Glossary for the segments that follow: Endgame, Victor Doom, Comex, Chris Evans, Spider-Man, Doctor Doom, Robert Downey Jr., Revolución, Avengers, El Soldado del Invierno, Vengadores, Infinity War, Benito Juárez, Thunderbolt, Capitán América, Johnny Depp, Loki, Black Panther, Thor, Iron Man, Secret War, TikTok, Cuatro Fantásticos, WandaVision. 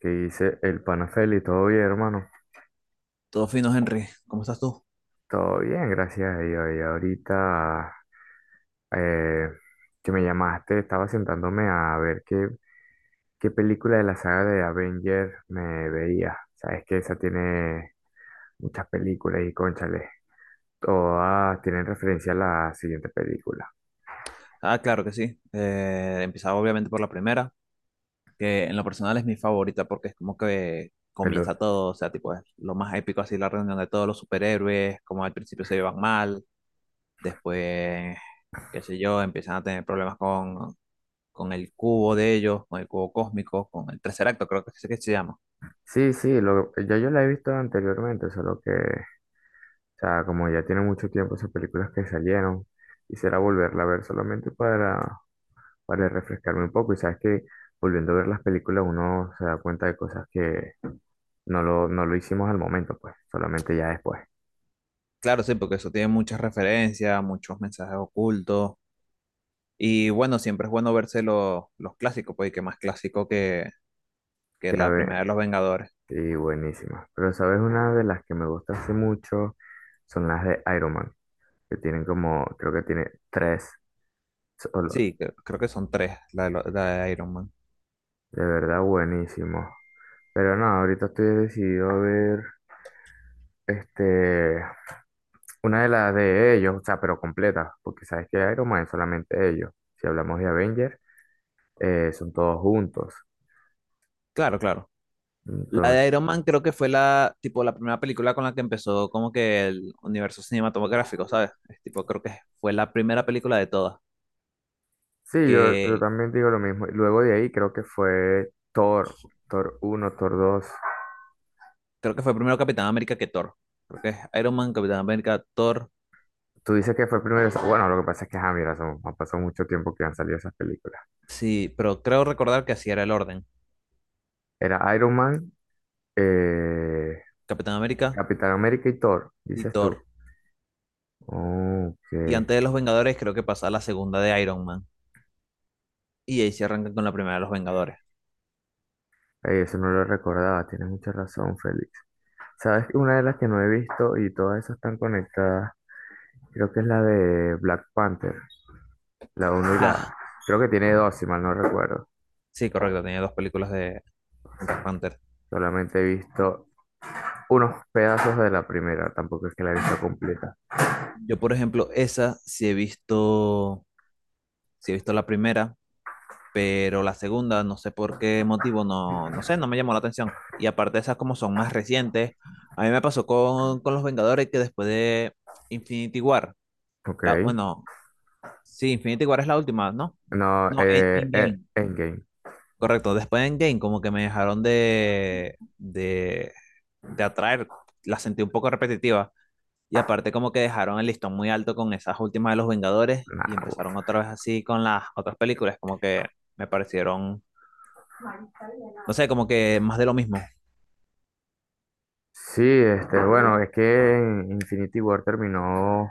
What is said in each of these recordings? ¿Qué dice el pana Feli? ¿Todo bien, hermano? Todo fino, Henry. ¿Cómo estás tú? Todo bien, gracias a Dios. Y ahorita eh, que me llamaste, estaba sentándome a ver qué película de la saga de Avenger me veía. Sabes que esa tiene muchas películas y cónchale, todas tienen referencia a la siguiente película. Ah, claro que sí. Empezaba obviamente por la primera, que en lo personal es mi favorita porque es como que Pero comienza todo, o sea, tipo, es lo más épico así, la reunión de todos los superhéroes, como al principio se llevan mal, después, qué sé yo, empiezan a tener problemas con el cubo de ellos, con el cubo cósmico, con el tercer acto, creo que es que se llama. Ya yo la he visto anteriormente, solo que, o sea, como ya tiene mucho tiempo esas películas que salieron, quisiera volverla a ver solamente para refrescarme un poco. Y sabes que volviendo a ver las películas uno se da cuenta de cosas que no lo hicimos al momento, pues, solamente ya después. Claro, sí, porque eso tiene muchas referencias, muchos mensajes ocultos. Y bueno, siempre es bueno verse los clásicos, porque qué más clásico que Ya la primera de ve- los Vengadores. Y buenísima. Pero sabes, una de las que me gusta hace mucho son las de Iron Man, que tienen como, creo que tiene tres solos. Sí, creo que son tres, la de la de Iron Man. De verdad, buenísimo. Pero no, ahorita estoy decidido a ver. Este, una de las de ellos, o sea, pero completa, porque sabes que Iron Man es solamente ellos. Si hablamos de Avengers, son todos juntos. Claro, claro. La Entonces, de Iron Man creo que fue tipo, la primera película con la que empezó como que el universo cinematográfico, ¿sabes? Es tipo, creo que fue la primera película de todas, sí, yo que también digo lo mismo. Y luego de ahí creo que fue Thor, Thor uno, Thor dos. creo que fue primero Capitán América que Thor. Creo que es Iron Man, Capitán América, Thor. Tú dices que fue primero, bueno, lo que pasa es que, ah, mira, ha pasado mucho tiempo que han salido esas películas. Sí, pero creo recordar que así era el orden. Era Iron Man, eh, Capitán América Capitán América y Thor, y dices Thor. tú. Oh, Y ok. antes de los Vengadores creo que pasa la segunda de Iron Man. Y ahí se arrancan con la primera de los Vengadores. Eso no lo recordaba, tienes mucha razón, Félix. ¿Sabes? Una de las que no he visto y todas esas están conectadas, creo que es la de Black Panther, la uno y Ah, la... Creo que tiene dos, si mal no recuerdo. sí, correcto, tenía dos películas de Black Panther. Solamente he visto unos pedazos de la primera, tampoco es que la he visto completa. Yo, por ejemplo, esa sí he visto la primera, pero la segunda, no sé por qué motivo, no, no sé, no me llamó la atención. Y aparte esas como son más recientes, a mí me pasó con Los Vengadores que después de Infinity War, Ok. Bueno, sí, Infinity War es la última, ¿no? No, No, Endgame, Endgame. correcto. Después de Endgame como que me dejaron de atraer, la sentí un poco repetitiva. Y aparte como que dejaron el listón muy alto con esas últimas de los Vengadores y Nah, uf. empezaron otra vez así con las otras películas, como que me parecieron, no sé, como que más de lo mismo. Sí, este, bueno, es que en Infinity War terminó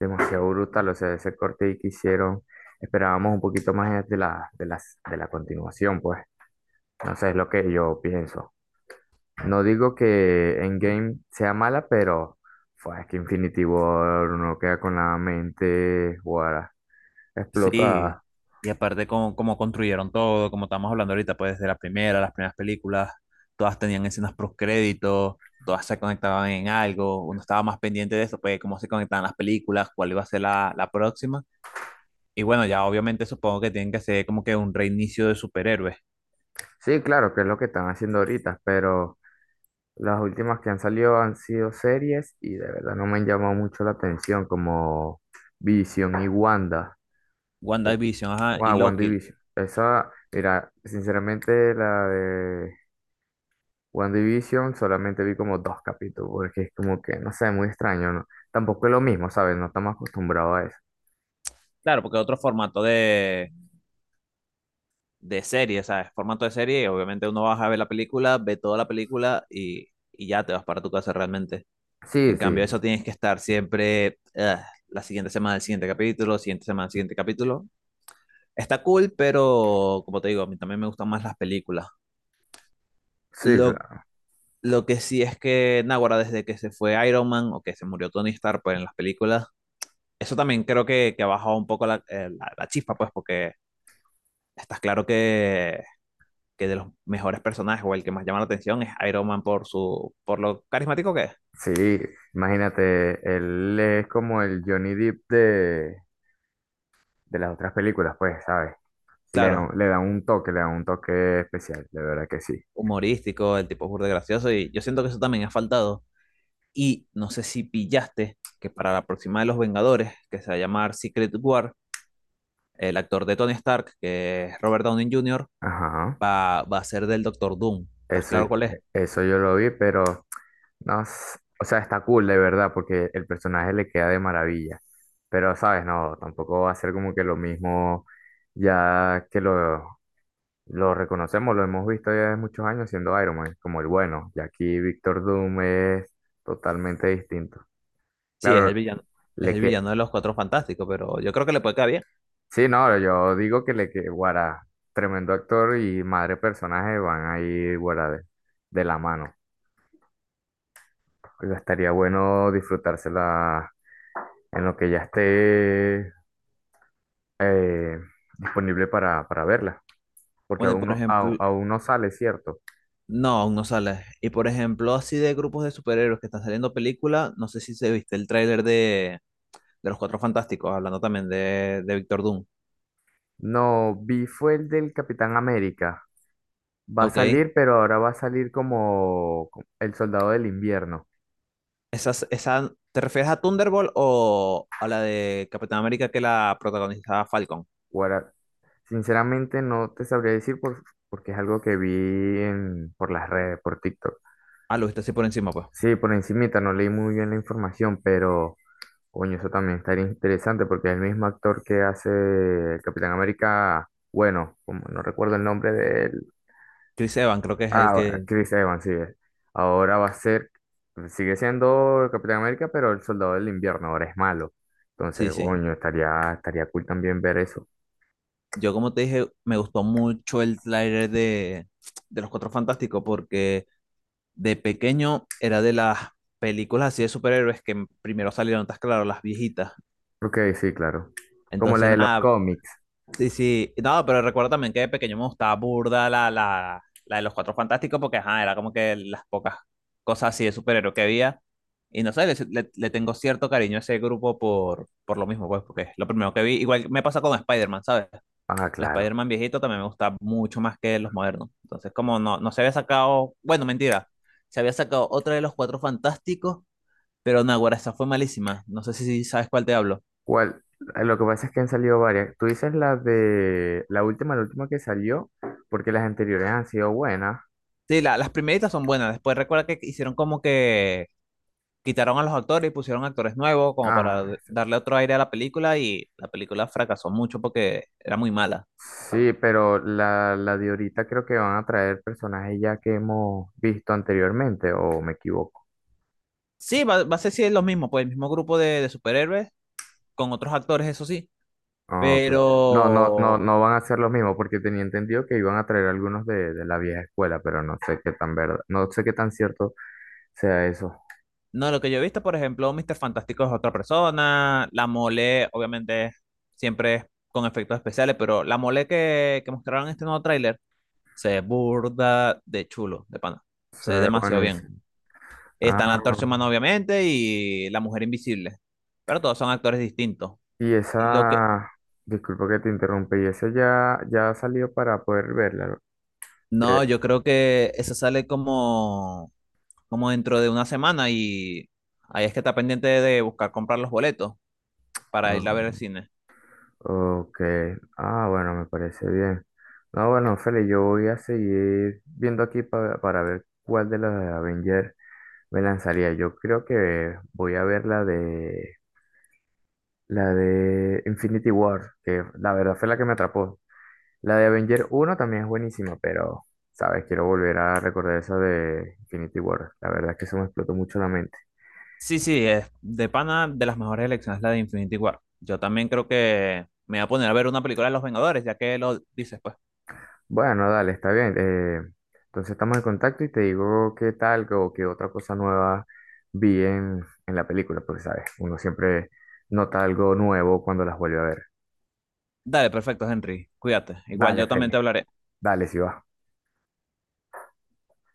demasiado brutal, o sea, ese corte ahí que hicieron, esperábamos un poquito más de la continuación, pues. No sé, es lo que yo pienso. No digo que Endgame sea mala, pero es que Infinity War uno queda con la mente guara, Sí, explotada. y aparte como, como construyeron todo, como estamos hablando ahorita, pues desde la primera, las primeras películas, todas tenían escenas postcréditos, todas se conectaban en algo, uno estaba más pendiente de eso, pues cómo se conectaban las películas, cuál iba a ser la próxima. Y bueno, ya obviamente supongo que tienen que hacer como que un reinicio de superhéroes. Sí, claro, que es lo que están haciendo ahorita, pero las últimas que han salido han sido series y de verdad no me han llamado mucho la atención, como Vision y Wanda. que- WandaVision, ajá, y Wow, Loki. WandaVision. Esa, mira, sinceramente la de WandaVision solamente vi como dos capítulos, porque es como que, no sé, muy extraño, ¿no? Tampoco es lo mismo, ¿sabes? No estamos acostumbrados a eso. Claro, porque otro formato de serie, ¿sabes? Formato de serie, obviamente uno vas a ver la película, ve toda la película y ya te vas para tu casa realmente. Sí, En sí, cambio, eso tienes que estar siempre ugh, la siguiente semana, el siguiente capítulo, siguiente semana, el siguiente capítulo. Está cool, pero como te digo, a mí también me gustan más las películas. sí, Lo, claro. lo que sí es que, Naguará, desde que se fue Iron Man o que se murió Tony Stark pues, en las películas, eso también creo que ha bajado un poco la chispa, pues, porque estás claro que de los mejores personajes o el que más llama la atención es Iron Man por su, por lo carismático que es. Sí, imagínate, él es como el Johnny Depp de las otras películas, pues, ¿sabes? Le da, Claro, le da un toque, le da un toque especial, de verdad que sí. humorístico, el tipo es burda de gracioso y yo siento que eso también ha faltado. Y no sé si pillaste que para la próxima de los Vengadores, que se va a llamar Secret War, el actor de Tony Stark, que es Robert Downey Jr., Ajá. Va a ser del Doctor Doom. ¿Estás Eso, claro cuál es? eso yo lo vi, pero no, s- o sea, está cool de verdad, porque el personaje le queda de maravilla. Pero, ¿sabes? No, tampoco va a ser como que lo mismo ya que lo reconocemos, lo hemos visto ya de muchos años siendo Iron Man, como el bueno. Y aquí Victor Doom es totalmente distinto. Sí, es el Claro, villano. Es le, el que, villano de los Cuatro Fantásticos, pero yo creo que le puede quedar bien. sí, no, yo digo que le que guara, tremendo actor y madre personaje van a ir guara de la mano. Y estaría bueno disfrutársela en lo que ya esté eh, disponible para verla, porque Bueno, y por ejemplo, aún no sale, ¿cierto? no, aún no sale. Y por ejemplo, así de grupos de superhéroes que están saliendo películas, no sé si se viste el tráiler de Los Cuatro Fantásticos, hablando también de Doctor Doom. No, vi fue el del Capitán América. Va a Ok. salir, pero ahora va a salir como El Soldado del Invierno. Esa, ¿te refieres a Thunderbolt o a la de Capitán América que la protagoniza Falcon? Sinceramente no te sabría decir porque es algo que vi por las redes, por TikTok. Ah, lo viste así por encima, pues. Sí, por encimita, no leí muy bien la información, pero coño, eso también estaría interesante porque el mismo actor que hace el Capitán América, bueno, como no recuerdo el nombre de él, Chris Evans creo que es el ah, que... Chris Evans, sí, es. Ahora va a ser, sigue siendo el Capitán América, pero el Soldado del Invierno ahora es malo. Sí, Entonces, sí. coño, estaría cool también ver eso. Yo como te dije, me gustó mucho el tráiler de Los Cuatro Fantásticos porque de pequeño era de las películas así de superhéroes que primero salieron, estás claro, las viejitas. Ok, sí, claro. Como la Entonces, de los nada, cómics. sí, sí. No, pero recuerdo también que de pequeño me gustaba burda la de los Cuatro Fantásticos porque, ajá, era como que las pocas cosas así de superhéroes que había. Y no sé, le tengo cierto cariño a ese grupo por lo mismo, pues, porque es lo primero que vi. Igual me pasa con Spider-Man, ¿sabes? Ah, El claro. Spider-Man viejito también me gusta mucho más que los modernos. Entonces, como no, no se había sacado, bueno, mentira, se había sacado otra de los Cuatro Fantásticos pero no, güera, esa fue malísima. No sé si sabes cuál te hablo. ¿Cuál? Lo que pasa es que han salido varias. Tú dices la de la última que salió, porque las anteriores han sido buenas. Sí, las primeritas son buenas. Después recuerda que hicieron como que quitaron a los actores y pusieron actores nuevos como para Ah, darle otro aire a la película y la película fracasó mucho porque era muy mala. sí, pero la de ahorita creo que van a traer personajes ya que hemos visto anteriormente, o me equivoco. Sí, va a ser sí, lo mismo, pues el mismo grupo de superhéroes con otros actores, eso sí. Ah, ok. No, no, no, Pero no van a ser los mismos, porque tenía entendido que iban a traer algunos de la vieja escuela, pero no sé qué tan verdad, no sé qué tan cierto sea eso. no, lo que yo he visto, por ejemplo, Mr. Fantástico es otra persona, la mole, obviamente, siempre es con efectos especiales, pero la mole que mostraron en este nuevo tráiler se ve burda de chulo, de pana. Se ve Sea demasiado bien. buenísimo. Está la Ah. antorcha humana, obviamente, y la mujer invisible. Pero todos son actores distintos. Y Y lo que. esa, disculpa que te interrumpe, y esa ya, ya salió para poder verla. No, que- yo creo que eso sale como, como dentro de una semana y ahí es que está pendiente de buscar comprar los boletos para ir ah, a ver el cine. ok, ah, bueno, me parece bien. No, bueno, Feli, yo voy a seguir viendo aquí para ver cuál de las de Avenger me lanzaría. Yo creo que voy a ver la de Infinity War, que la verdad fue la que me atrapó. La de Avenger uno también es buenísima, pero, ¿sabes? Quiero volver a recordar esa de Infinity War. La verdad es que eso me explotó mucho la mente. Sí, sí, es de pana de las mejores elecciones la de Infinity War. Yo también creo que me voy a poner a ver una película de Los Vengadores, ya que lo dices, pues. Bueno, dale, está bien. Entonces estamos en contacto y te digo qué tal o qué otra cosa nueva vi en la película, porque, ¿sabes? Uno siempre nota algo nuevo cuando las vuelve a ver. Dale, perfecto, Henry. Cuídate. Igual Dale, yo también te Feli. hablaré. Dale, si va.